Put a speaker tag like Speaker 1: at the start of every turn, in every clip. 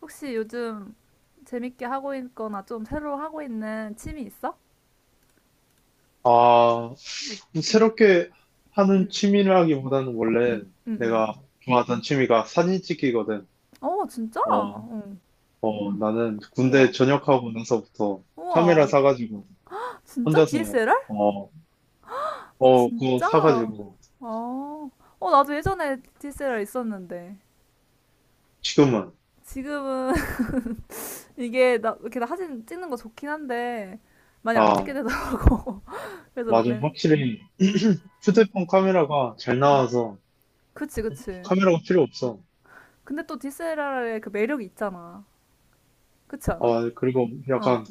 Speaker 1: 혹시 요즘 재밌게 하고 있거나 좀 새로 하고 있는 취미 있어?
Speaker 2: 아, 새롭게
Speaker 1: 응,
Speaker 2: 하는 취미라기보다는 원래
Speaker 1: 응, 응, 응.
Speaker 2: 내가 좋아하던 취미가 사진 찍기거든.
Speaker 1: 어, 진짜?
Speaker 2: 어,
Speaker 1: 어.
Speaker 2: 어, 나는
Speaker 1: 우와,
Speaker 2: 군대 전역하고 나서부터 카메라
Speaker 1: 우와.
Speaker 2: 사가지고
Speaker 1: 진짜
Speaker 2: 혼자서
Speaker 1: DSLR?
Speaker 2: 어, 어, 그거
Speaker 1: 진짜?
Speaker 2: 사가지고
Speaker 1: 어, 어, 나도 예전에 DSLR 있었는데.
Speaker 2: 지금은
Speaker 1: 지금은 이게 나 이렇게 사진 찍는 거 좋긴 한데 많이 안 찍게
Speaker 2: 아,
Speaker 1: 되더라고. 그래서 막
Speaker 2: 맞아.
Speaker 1: 렌,
Speaker 2: 확실히
Speaker 1: 음, 음,
Speaker 2: 휴대폰 카메라가 잘
Speaker 1: 음.
Speaker 2: 나와서
Speaker 1: 그치, 그치.
Speaker 2: 카메라가 필요 없어.
Speaker 1: 근데 또 DSLR의 그 매력이 있잖아. 그치 않아?
Speaker 2: 어, 그리고
Speaker 1: 어,
Speaker 2: 약간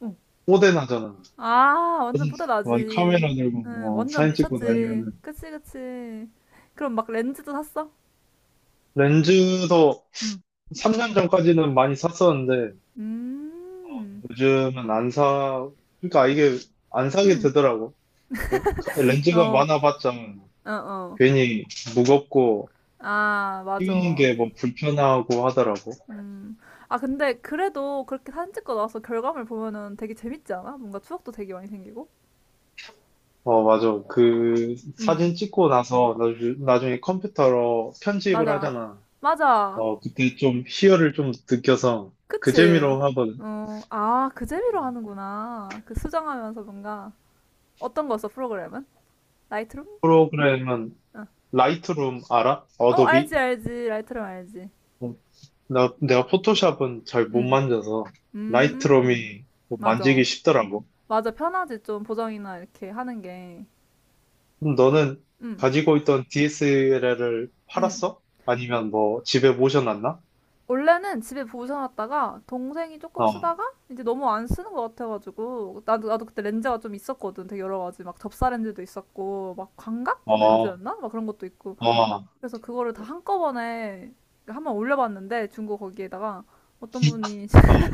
Speaker 1: 어.
Speaker 2: 뽀대나잖아.
Speaker 1: 아, 완전
Speaker 2: 어, 이
Speaker 1: 뿌듯하지.
Speaker 2: 카메라
Speaker 1: 응,
Speaker 2: 들고 어,
Speaker 1: 완전
Speaker 2: 사진 찍고
Speaker 1: 미쳤지.
Speaker 2: 다니면은
Speaker 1: 그치, 그치. 그럼 막 렌즈도 샀어?
Speaker 2: 렌즈도
Speaker 1: 응.
Speaker 2: 3년 전까지는 많이 샀었는데
Speaker 1: 음,
Speaker 2: 요즘은 안 사, 그러니까 이게 안 사게
Speaker 1: 음,
Speaker 2: 되더라고. 그 렌즈가
Speaker 1: 어,
Speaker 2: 많아봤자
Speaker 1: 어, 어.
Speaker 2: 괜히 무겁고
Speaker 1: 아,
Speaker 2: 띄우는
Speaker 1: 맞아.
Speaker 2: 게 뭐 불편하고 하더라고.
Speaker 1: 음. 아, 근데 그래도 그렇게 사진 찍고 나서 결과물 보면은 되게 재밌지 않아? 뭔가 추억도 되게 많이 생기고.
Speaker 2: 어, 맞아. 그
Speaker 1: 음,
Speaker 2: 사진 찍고 나서 나중에 컴퓨터로 편집을
Speaker 1: 맞아.
Speaker 2: 하잖아.
Speaker 1: 맞아.
Speaker 2: 어, 그때 좀 희열을 좀 느껴서 그
Speaker 1: 그치?
Speaker 2: 재미로 하거든.
Speaker 1: 어, 아, 그 재미로 하는구나. 그 수정하면서 뭔가. 어떤 거였어, 프로그램은? 라이트룸?
Speaker 2: 프로그램은
Speaker 1: 어.
Speaker 2: 라이트룸 알아?
Speaker 1: 어, 알지,
Speaker 2: 어도비?
Speaker 1: 알지. 라이트룸 알지.
Speaker 2: 어, 내가 포토샵은 잘 못
Speaker 1: 응.
Speaker 2: 만져서
Speaker 1: 음,
Speaker 2: 라이트룸이 뭐
Speaker 1: 맞아.
Speaker 2: 만지기 쉽더라고.
Speaker 1: 맞아. 편하지, 좀 보정이나 이렇게 하는 게.
Speaker 2: 그럼 너는
Speaker 1: 응,
Speaker 2: 가지고 있던 DSLR을
Speaker 1: 응.
Speaker 2: 팔았어? 아니면 뭐 집에 모셔놨나?
Speaker 1: 원래는 집에 보셔놨다가 동생이 조금
Speaker 2: 어,
Speaker 1: 쓰다가 이제 너무 안 쓰는 것 같아가지고 나도 그때 렌즈가 좀 있었거든. 되게 여러 가지 막 접사 렌즈도 있었고 막 광각
Speaker 2: 어,
Speaker 1: 렌즈였나 막 그런 것도 있고.
Speaker 2: 어,
Speaker 1: 그래서 그거를 다 한꺼번에 한번 올려봤는데 중고 거기에다가 어떤 분이
Speaker 2: 어,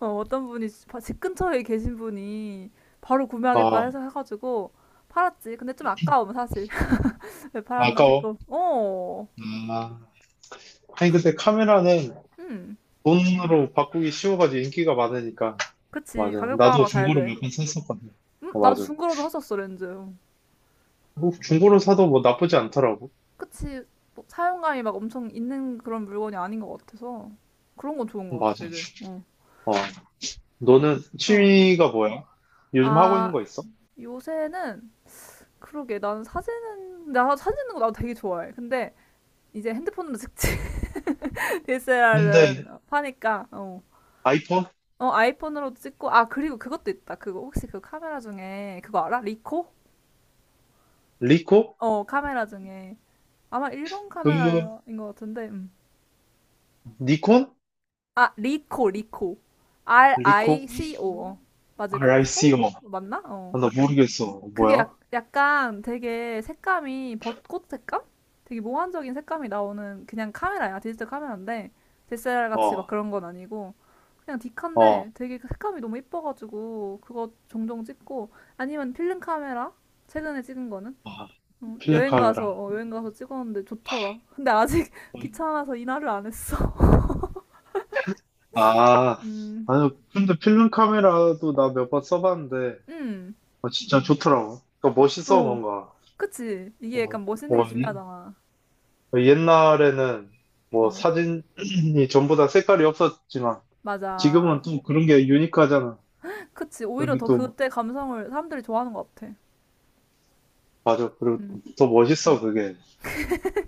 Speaker 1: 어, 어떤 분이 집 바- 집 근처에 계신 분이 바로 구매하겠다
Speaker 2: 어,
Speaker 1: 해서 해가지고 팔았지. 근데 좀 아까움 사실. 왜 팔았나
Speaker 2: 아까워.
Speaker 1: 싶고. 어,
Speaker 2: 아. 아니, 근데 카메라는
Speaker 1: 음,
Speaker 2: 돈으로 바꾸기 쉬워가지고 인기가 많으니까.
Speaker 1: 그치.
Speaker 2: 맞아.
Speaker 1: 가격
Speaker 2: 나도
Speaker 1: 방어가 잘
Speaker 2: 중고로
Speaker 1: 돼.
Speaker 2: 몇 번 샀었거든. 어,
Speaker 1: 나도
Speaker 2: 맞아.
Speaker 1: 중고로도 샀었어, 렌즈.
Speaker 2: 뭐 중고로 사도 뭐 나쁘지 않더라고.
Speaker 1: 그치. 뭐 사용감이 막 엄청 있는 그런 물건이 아닌 것 같아서 그런 건 좋은 것 같아
Speaker 2: 맞아.
Speaker 1: 되게. 응,
Speaker 2: 어. 너는
Speaker 1: 응.
Speaker 2: 취미가 뭐야? 요즘 하고 있는
Speaker 1: 아,
Speaker 2: 거 있어?
Speaker 1: 요새는 그러게. 나는 사진은, 나 사진 찍는 거 나도 되게 좋아해. 근데 이제 핸드폰으로 찍지.
Speaker 2: 근데
Speaker 1: DSLR은 파니까. 어.
Speaker 2: 아이폰?
Speaker 1: 어, 아이폰으로도 찍고, 아, 그리고 그것도 있다. 그거, 혹시 그 카메라 중에, 그거 알아? 리코?
Speaker 2: 리코?
Speaker 1: 어, 카메라 중에. 아마 일본
Speaker 2: 그,
Speaker 1: 카메라인 것 같은데,
Speaker 2: 니콘?
Speaker 1: 아, 리코, 리코.
Speaker 2: 리코?
Speaker 1: RICO. 어. 맞을걸? 스펠링
Speaker 2: RICO. 아,
Speaker 1: 맞나? 어.
Speaker 2: 나 모르겠어.
Speaker 1: 그게
Speaker 2: 뭐야?
Speaker 1: 약, 약간 되게 색감이 벚꽃 색감? 되게 몽환적인 색감이 나오는 그냥 카메라야. 디지털 카메라인데, DSLR 같이 막
Speaker 2: 어,
Speaker 1: 그런 건 아니고, 그냥 디카인데
Speaker 2: 어,
Speaker 1: 되게 그 색감이 너무 이뻐가지고 그거 종종 찍고. 아니면 필름 카메라. 최근에 찍은 거는
Speaker 2: 아,
Speaker 1: 어,
Speaker 2: 필름
Speaker 1: 여행
Speaker 2: 카메라.
Speaker 1: 가서, 어, 여행 가서 찍었는데 좋더라. 근데 아직 귀찮아서 이날을 안 했어.
Speaker 2: 아,
Speaker 1: 음,
Speaker 2: 아니, 근데 필름 카메라도 나 몇 번 써봤는데,
Speaker 1: 음,
Speaker 2: 어, 진짜 좋더라고. 그러니까 멋있어,
Speaker 1: 어,
Speaker 2: 뭔가.
Speaker 1: 그치.
Speaker 2: 어,
Speaker 1: 이게 약간 멋있는 게
Speaker 2: 어,
Speaker 1: 중요하잖아.
Speaker 2: 어, 옛날에는 뭐
Speaker 1: 어,
Speaker 2: 사진이 전부 다 색깔이 없었지만,
Speaker 1: 맞아.
Speaker 2: 지금은 또 그런 게 유니크하잖아.
Speaker 1: 그치.
Speaker 2: 그런
Speaker 1: 오히려
Speaker 2: 게
Speaker 1: 더
Speaker 2: 또,
Speaker 1: 그때 감성을 사람들이 좋아하는 것 같아.
Speaker 2: 맞아. 그리고
Speaker 1: 음,
Speaker 2: 더 멋있어, 그게.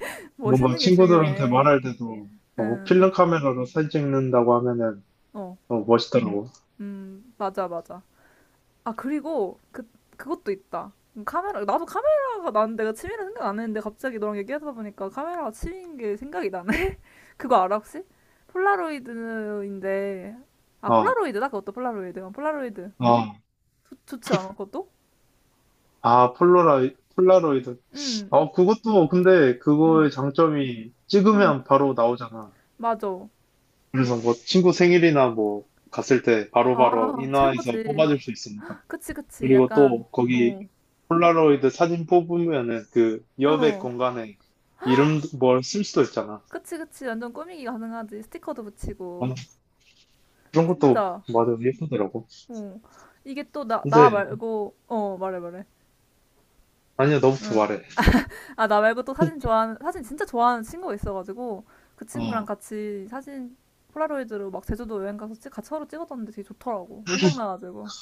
Speaker 2: 뭔가
Speaker 1: 멋있는 게
Speaker 2: 친구들한테
Speaker 1: 중요해.
Speaker 2: 말할 때도, 어, 뭐
Speaker 1: 음,
Speaker 2: 필름 카메라로 사진 찍는다고 하면은,
Speaker 1: 어,
Speaker 2: 어, 멋있더라고.
Speaker 1: 맞아, 맞아. 아, 그리고 그, 그것도 있다. 카메라. 나도 카메라가, 나는 내가 취미라 생각 안 했는데 갑자기 너랑 얘기하다 보니까 카메라가 취미인 게 생각이 나네. 그거 알아 혹시? 폴라로이드인데, 아,
Speaker 2: 아,
Speaker 1: 폴라로이드다. 그것도 폴라로이드. 어, 폴라로이드
Speaker 2: 아,
Speaker 1: 좋지 않아, 그것도?
Speaker 2: 아, 폴라로이드.
Speaker 1: 응,
Speaker 2: 어, 그것도, 근데
Speaker 1: 응,
Speaker 2: 그거의 장점이
Speaker 1: 응.
Speaker 2: 찍으면 바로 나오잖아.
Speaker 1: 맞아.
Speaker 2: 그래서 뭐 친구 생일이나 뭐 갔을 때
Speaker 1: 아,
Speaker 2: 바로바로 인화해서
Speaker 1: 최고지.
Speaker 2: 뽑아줄 수 있으니까.
Speaker 1: 그치, 그치.
Speaker 2: 그리고
Speaker 1: 약간
Speaker 2: 또 거기
Speaker 1: 어,
Speaker 2: 폴라로이드 사진 뽑으면은 그 여백
Speaker 1: 어,
Speaker 2: 공간에 이름 뭘 쓸 수도 있잖아.
Speaker 1: 그치, 그치. 완전 꾸미기 가능하지. 스티커도
Speaker 2: 어,
Speaker 1: 붙이고
Speaker 2: 그런 것도
Speaker 1: 진짜.
Speaker 2: 맞아, 예쁘더라고.
Speaker 1: 어, 이게 또 나, 나
Speaker 2: 근데,
Speaker 1: 말고, 어, 말해, 말해.
Speaker 2: 아니야, 너부터
Speaker 1: 응.
Speaker 2: 말해.
Speaker 1: 아, 나 말고 또 사진 좋아하는, 사진 진짜 좋아하는 친구가 있어가지고, 그 친구랑
Speaker 2: 어,
Speaker 1: 같이 사진 폴라로이드로 막 제주도 여행 가서 찍, 같이 서로 찍었었는데 되게 좋더라고. 생각나가지고.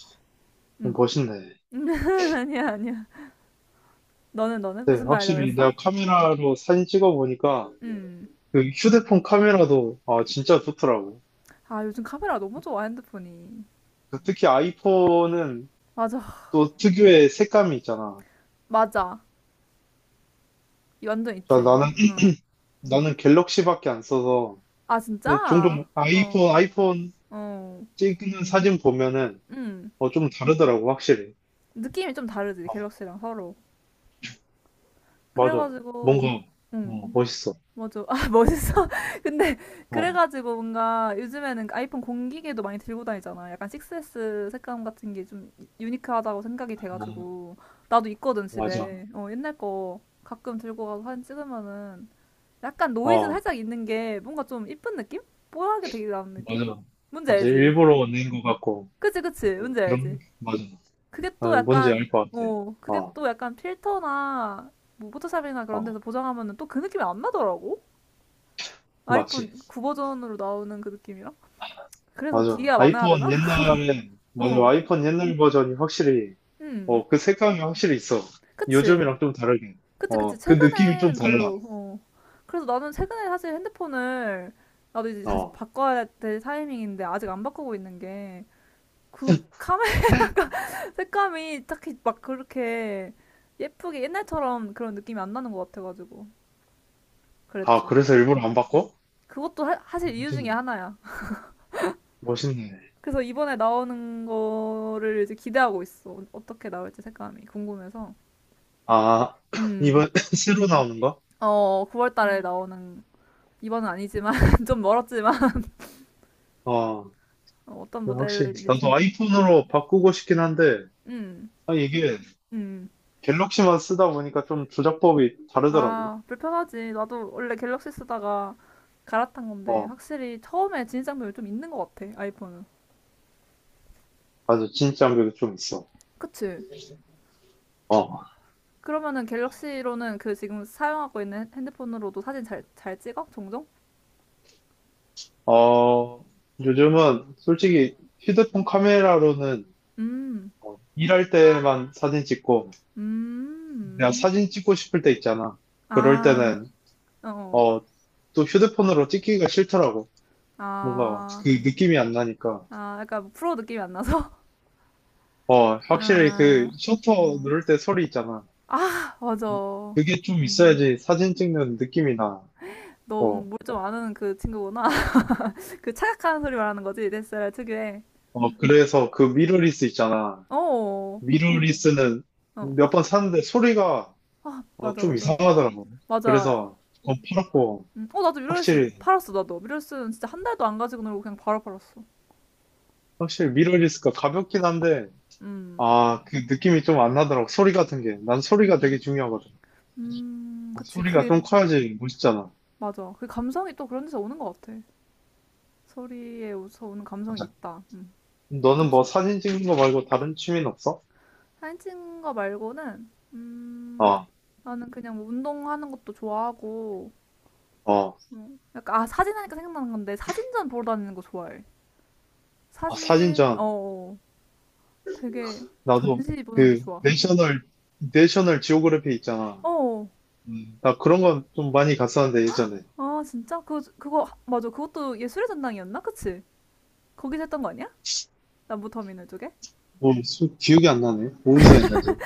Speaker 1: 응.
Speaker 2: 멋있네.
Speaker 1: 아니야, 아니야. 너는, 너는?
Speaker 2: 네,
Speaker 1: 무슨 말 하려고
Speaker 2: 확실히
Speaker 1: 그랬어?
Speaker 2: 내가 카메라로 사진 찍어보니까
Speaker 1: 응.
Speaker 2: 그 휴대폰 카메라도 아 진짜 좋더라고.
Speaker 1: 아, 요즘 카메라 너무 좋아, 핸드폰이.
Speaker 2: 그 특히 아이폰은
Speaker 1: 맞아,
Speaker 2: 또 특유의 색감이 있잖아.
Speaker 1: 맞아. 이 완전
Speaker 2: 자
Speaker 1: 있지.
Speaker 2: 나는
Speaker 1: 어.
Speaker 2: 나는 갤럭시밖에 안 써서
Speaker 1: 아,
Speaker 2: 근데 종종
Speaker 1: 진짜? 어,
Speaker 2: 아이폰
Speaker 1: 어.
Speaker 2: 찍는 사진 보면은
Speaker 1: 응.
Speaker 2: 어 좀 다르더라고 확실히.
Speaker 1: 느낌이 좀 다르지,
Speaker 2: 어,
Speaker 1: 갤럭시랑 서로.
Speaker 2: 맞아. 뭔가
Speaker 1: 그래가지고, 응.
Speaker 2: 어, 멋있어.
Speaker 1: 맞아. 아, 멋있어. 근데
Speaker 2: 어, 어,
Speaker 1: 그래가지고 뭔가 요즘에는 아이폰 공기계도 많이 들고 다니잖아. 약간 6S 색감 같은 게 좀 유니크하다고 생각이 돼가지고 나도 있거든,
Speaker 2: 맞아.
Speaker 1: 집에. 어, 옛날 거 가끔 들고 가서 사진 찍으면은 약간 노이즈
Speaker 2: 어
Speaker 1: 살짝 있는 게 뭔가 좀 이쁜 느낌? 뽀얗게 되게 나는 느낌?
Speaker 2: 맞아.
Speaker 1: 뭔지
Speaker 2: 맞아
Speaker 1: 알지?
Speaker 2: 일부러 낸 것 같고
Speaker 1: 그치, 그치.
Speaker 2: 어,
Speaker 1: 뭔지 알지?
Speaker 2: 그런 맞아.
Speaker 1: 그게
Speaker 2: 아,
Speaker 1: 또
Speaker 2: 뭔지 알
Speaker 1: 약간
Speaker 2: 것 같아.
Speaker 1: 어, 그게
Speaker 2: 어,
Speaker 1: 또 약간 필터나 뭐 포토샵이나 그런
Speaker 2: 어,
Speaker 1: 데서 보정하면은 또 그 느낌이 안 나더라고.
Speaker 2: 맞지.
Speaker 1: 아이폰 9 버전으로 나오는 그 느낌이라? 그래서
Speaker 2: 맞아.
Speaker 1: 기기가 많아야 되나?
Speaker 2: 아이폰 옛날에, 맞아.
Speaker 1: 어.
Speaker 2: 아이폰 옛날 버전이 확실히,
Speaker 1: 음.
Speaker 2: 어, 그 색감이 확실히 있어.
Speaker 1: 그치.
Speaker 2: 요즘이랑 좀 다르게.
Speaker 1: 그치, 그치.
Speaker 2: 어, 그 느낌이 좀
Speaker 1: 최근에는
Speaker 2: 달라.
Speaker 1: 별로, 어. 그래서 나는 최근에 사실 핸드폰을, 나도 이제 다시
Speaker 2: 어.
Speaker 1: 바꿔야 될 타이밍인데 아직 안 바꾸고 있는 게 그 카메라 색감이 딱히 막 그렇게 예쁘게 옛날처럼 그런 느낌이 안 나는 것 같아가지고.
Speaker 2: 아,
Speaker 1: 그랬지.
Speaker 2: 그래서 일부러 안 바꿔?
Speaker 1: 그것도 하, 사실 이유 중에
Speaker 2: 멋있네.
Speaker 1: 하나야.
Speaker 2: 멋있네.
Speaker 1: 그래서 이번에 나오는 거를 이제 기대하고 있어. 어떻게 나올지 색감이 궁금해서.
Speaker 2: 아,
Speaker 1: 음.
Speaker 2: 이번 새로 나오는 거?
Speaker 1: 어, 9월 달에
Speaker 2: 음.
Speaker 1: 나오는, 이번은 아니지만 좀 멀었지만,
Speaker 2: 어,
Speaker 1: 어, 어떤
Speaker 2: 그래, 확실히.
Speaker 1: 모델일지.
Speaker 2: 나도 아이폰으로 바꾸고 싶긴 한데,
Speaker 1: 음.
Speaker 2: 아, 이게
Speaker 1: 음.
Speaker 2: 갤럭시만 쓰다 보니까 좀 조작법이 다르더라고.
Speaker 1: 아, 불편하지. 나도 원래 갤럭시 쓰다가 갈아탄 건데
Speaker 2: 어,
Speaker 1: 확실히 처음에 진입장벽이 좀 있는 것 같아. 아이폰은.
Speaker 2: 맞아. 진짜 장벽도좀 있어.
Speaker 1: 그치?
Speaker 2: 어.
Speaker 1: 그러면은 갤럭시로는 그 지금 사용하고 있는 핸드폰으로도 사진 잘, 잘 찍어? 종종?
Speaker 2: 어, 요즘은
Speaker 1: 음.
Speaker 2: 솔직히 휴대폰 카메라로는
Speaker 1: 음.
Speaker 2: 어, 일할 때만 사진 찍고, 내가
Speaker 1: 음.
Speaker 2: 사진 찍고 싶을 때 있잖아. 그럴
Speaker 1: 아.
Speaker 2: 때는,
Speaker 1: 어. 어.
Speaker 2: 어, 또 휴대폰으로 찍기가 싫더라고. 뭔가
Speaker 1: 아.
Speaker 2: 그 느낌이 안 나니까.
Speaker 1: 아, 약간 프로 느낌이 안 나서?
Speaker 2: 어, 확실히 그
Speaker 1: 아,
Speaker 2: 셔터 누를 때 소리 있잖아.
Speaker 1: 맞아.
Speaker 2: 그게 좀 있어야지 사진 찍는 느낌이 나. 어,
Speaker 1: 너뭘 좀 아는 그 친구구나. 그 착각하는 소리 말하는 거지. 넷살 특유의.
Speaker 2: 어, 그래서 그 미러리스 있잖아.
Speaker 1: 어.
Speaker 2: 미러리스는
Speaker 1: 어.
Speaker 2: 몇 번 샀는데 소리가
Speaker 1: 아,
Speaker 2: 어,
Speaker 1: 맞아,
Speaker 2: 좀
Speaker 1: 맞아.
Speaker 2: 이상하더라고.
Speaker 1: 맞아.
Speaker 2: 그래서 더 팔았고,
Speaker 1: 음. 어, 나도 미러리스
Speaker 2: 확실히,
Speaker 1: 팔았어, 나도. 미러리스는 진짜 한 달도 안 가지고 놀고 그냥 바로 팔았어.
Speaker 2: 확실히 미러리스가 가볍긴 한데,
Speaker 1: 음.
Speaker 2: 아, 그 느낌이 좀 안 나더라고. 소리 같은 게. 난 소리가 되게 중요하거든. 아,
Speaker 1: 그치.
Speaker 2: 소리가
Speaker 1: 그게,
Speaker 2: 좀 커야지 멋있잖아.
Speaker 1: 맞아. 그 감성이 또 그런 데서 오는 것 같아. 소리에서 오는 감성이 있다. 음.
Speaker 2: 너는 뭐
Speaker 1: 그치.
Speaker 2: 사진 찍는 거 말고 다른 취미는 없어?
Speaker 1: 사진 찍은 거 말고는,
Speaker 2: 아,
Speaker 1: 나는 그냥 뭐 운동하는 것도 좋아하고,
Speaker 2: 어.
Speaker 1: 약간 아, 사진 하니까 생각나는 건데 사진전 보러 다니는 거 좋아해.
Speaker 2: 아,
Speaker 1: 사진
Speaker 2: 사진전.
Speaker 1: 어, 어. 되게
Speaker 2: 나도
Speaker 1: 전시 보는 게
Speaker 2: 그
Speaker 1: 좋아. 어.
Speaker 2: 내셔널 지오그래피 있잖아.
Speaker 1: 어. 어.
Speaker 2: 나 그런 건 좀 많이 갔었는데, 예전에.
Speaker 1: 아, 진짜? 맞아. 그것도 예술의 전당이었나? 그치? 거기서 했던 거 아니야? 남부터미널 쪽에?
Speaker 2: 뭐, 기억이 안 나네. 어디서 했는지.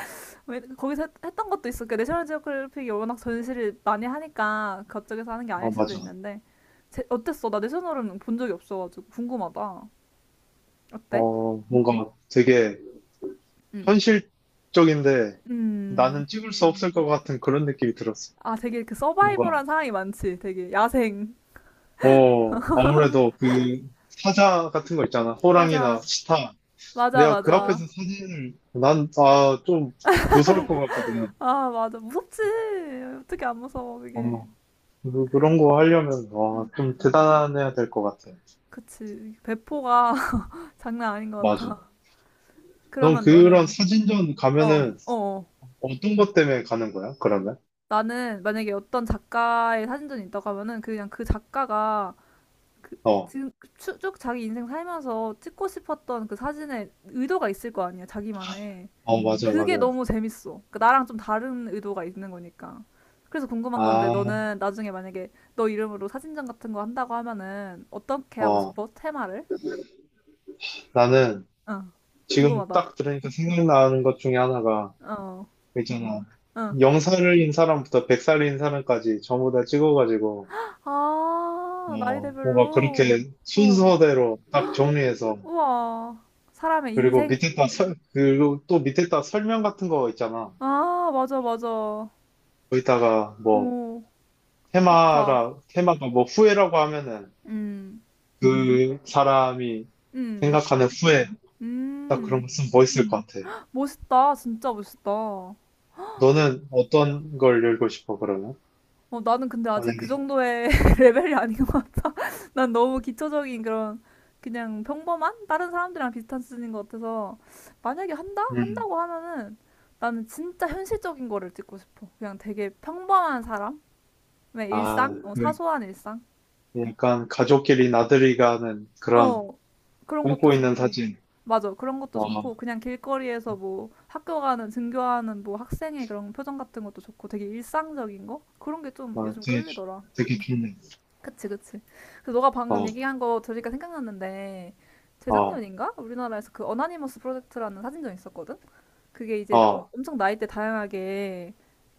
Speaker 1: 왜 거기서 했, 했던 것도 있어. 그 내셔널 지오그래픽이 워낙 전시를 많이 하니까 그쪽에서 하는 게 아닐
Speaker 2: 아,
Speaker 1: 수도
Speaker 2: 맞아.
Speaker 1: 있는데. 제, 어땠어? 나 내셔널은 본 적이 없어가지고 궁금하다. 어때?
Speaker 2: 어, 뭔가 되게
Speaker 1: 음.
Speaker 2: 현실적인데
Speaker 1: 음.
Speaker 2: 나는 찍을 수 없을 것 같은 그런 느낌이 들었어.
Speaker 1: 아, 되게 그
Speaker 2: 뭔가,
Speaker 1: 서바이벌한 상황이 많지. 되게 야생.
Speaker 2: 어, 아무래도 그 사자 같은 거 있잖아. 호랑이나
Speaker 1: 맞아.
Speaker 2: 치타.
Speaker 1: 맞아,
Speaker 2: 내가 그 어,
Speaker 1: 맞아.
Speaker 2: 앞에서 사진을, 난, 아, 좀 무서울 것 같거든.
Speaker 1: 아, 맞아. 무섭지. 어떻게 안 무서워, 이게.
Speaker 2: 어, 그런 거 하려면, 와,
Speaker 1: 음,
Speaker 2: 좀 대단해야 될 것 같아.
Speaker 1: 그치. 배포가 장난 아닌 것
Speaker 2: 맞아.
Speaker 1: 같아.
Speaker 2: 넌
Speaker 1: 그러면
Speaker 2: 그런
Speaker 1: 너는,
Speaker 2: 사진전
Speaker 1: 어, 어,
Speaker 2: 가면은
Speaker 1: 어.
Speaker 2: 어떤 것 때문에 가는 거야, 그러면?
Speaker 1: 나는 만약에 어떤 작가의 사진전이 있다고 하면은 그 그냥 그 작가가 그,
Speaker 2: 어,
Speaker 1: 지금 쭉 쭉 자기 인생 살면서 찍고 싶었던 그 사진에 의도가 있을 거 아니야, 자기만의.
Speaker 2: 어, 맞아,
Speaker 1: 그게
Speaker 2: 맞아.
Speaker 1: 너무 재밌어. 그러니까 나랑 좀 다른 의도가 있는 거니까. 그래서 궁금한 건데
Speaker 2: 아,
Speaker 1: 너는 나중에 만약에 너 이름으로 사진전 같은 거 한다고 하면은 어떻게 하고
Speaker 2: 어,
Speaker 1: 싶어? 테마를?
Speaker 2: 나는,
Speaker 1: 응.
Speaker 2: 지금
Speaker 1: 궁금하다.
Speaker 2: 딱 들으니까 생각나는 것 중에 하나가
Speaker 1: 어.
Speaker 2: 있잖아.
Speaker 1: 응.
Speaker 2: 0살인 사람부터 100살인 사람까지 전부 다 찍어가지고
Speaker 1: 아,
Speaker 2: 어 뭔가
Speaker 1: 나이대별로.
Speaker 2: 그렇게
Speaker 1: 어.
Speaker 2: 순서대로 딱 정리해서
Speaker 1: 우와. 사람의 인생?
Speaker 2: 그리고 또 밑에다 설명 같은 거 있잖아.
Speaker 1: 아, 맞아, 맞아.
Speaker 2: 거기다가 뭐
Speaker 1: 오, 좋다.
Speaker 2: 테마라 테마가 뭐 후회라고 하면은
Speaker 1: 음.
Speaker 2: 그 사람이
Speaker 1: 음.
Speaker 2: 생각하는 후회 딱 그런
Speaker 1: 음.
Speaker 2: 거 쓰면 멋있을 것 같아.
Speaker 1: 멋있다. 진짜 멋있다.
Speaker 2: 너는 어떤 걸 열고 싶어 그러면?
Speaker 1: 어, 나는 근데 아직 그
Speaker 2: 만약에
Speaker 1: 정도의 레벨이 아닌 것 같아. 난 너무 기초적인 그런, 그냥 평범한 다른 사람들이랑 비슷한 수준인 것 같아서. 만약에 한다?
Speaker 2: 음.
Speaker 1: 한다고 하면은 나는 진짜 현실적인 거를 찍고 싶어. 그냥 되게 평범한 사람의
Speaker 2: 아,
Speaker 1: 일상? 어, 사소한 일상?
Speaker 2: 약간 가족끼리 나들이 가는 그런
Speaker 1: 어, 그런 것도
Speaker 2: 꿈꾸 있는
Speaker 1: 좋고.
Speaker 2: 사진.
Speaker 1: 맞아. 그런 것도
Speaker 2: 어, 어,
Speaker 1: 좋고 그냥 길거리에서 뭐 학교 가는, 등교하는 뭐 학생의 그런 표정 같은 것도 좋고 되게 일상적인 거? 그런 게 좀
Speaker 2: 어,
Speaker 1: 요즘
Speaker 2: 되게,
Speaker 1: 끌리더라.
Speaker 2: 되게 좋네.
Speaker 1: 그치, 그치. 그 너가 방금
Speaker 2: 어,
Speaker 1: 얘기한 거 들으니까 생각났는데,
Speaker 2: 어,
Speaker 1: 재작년인가? 우리나라에서 그 어나니머스 프로젝트라는 사진전 있었거든? 그게
Speaker 2: 어,
Speaker 1: 이제 나- 어-
Speaker 2: 어,
Speaker 1: 엄청 나이대 다양하게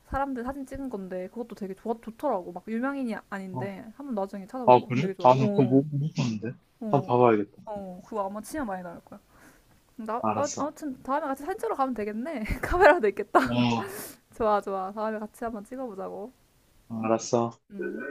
Speaker 1: 사람들 사진 찍은 건데, 그것도 되게 좋아, 좋더라고. 막 유명인이 아- 아닌데, 한번 나중에
Speaker 2: 아,
Speaker 1: 찾아봐봐.
Speaker 2: 그래?
Speaker 1: 되게 좋아.
Speaker 2: 아, 나 그거
Speaker 1: 어,
Speaker 2: 못 봤는데. 한번
Speaker 1: 어,
Speaker 2: 봐봐야겠다.
Speaker 1: 어. 그거 아마 치면 많이 나올 거야. 나, 아,
Speaker 2: 알았어.
Speaker 1: 아무튼 다음에 같이 사진 찍으러 가면 되겠네. 카메라도 있겠다.
Speaker 2: 어,
Speaker 1: 좋아, 좋아. 다음에 같이 한번 찍어보자고.
Speaker 2: 알았어.
Speaker 1: 음.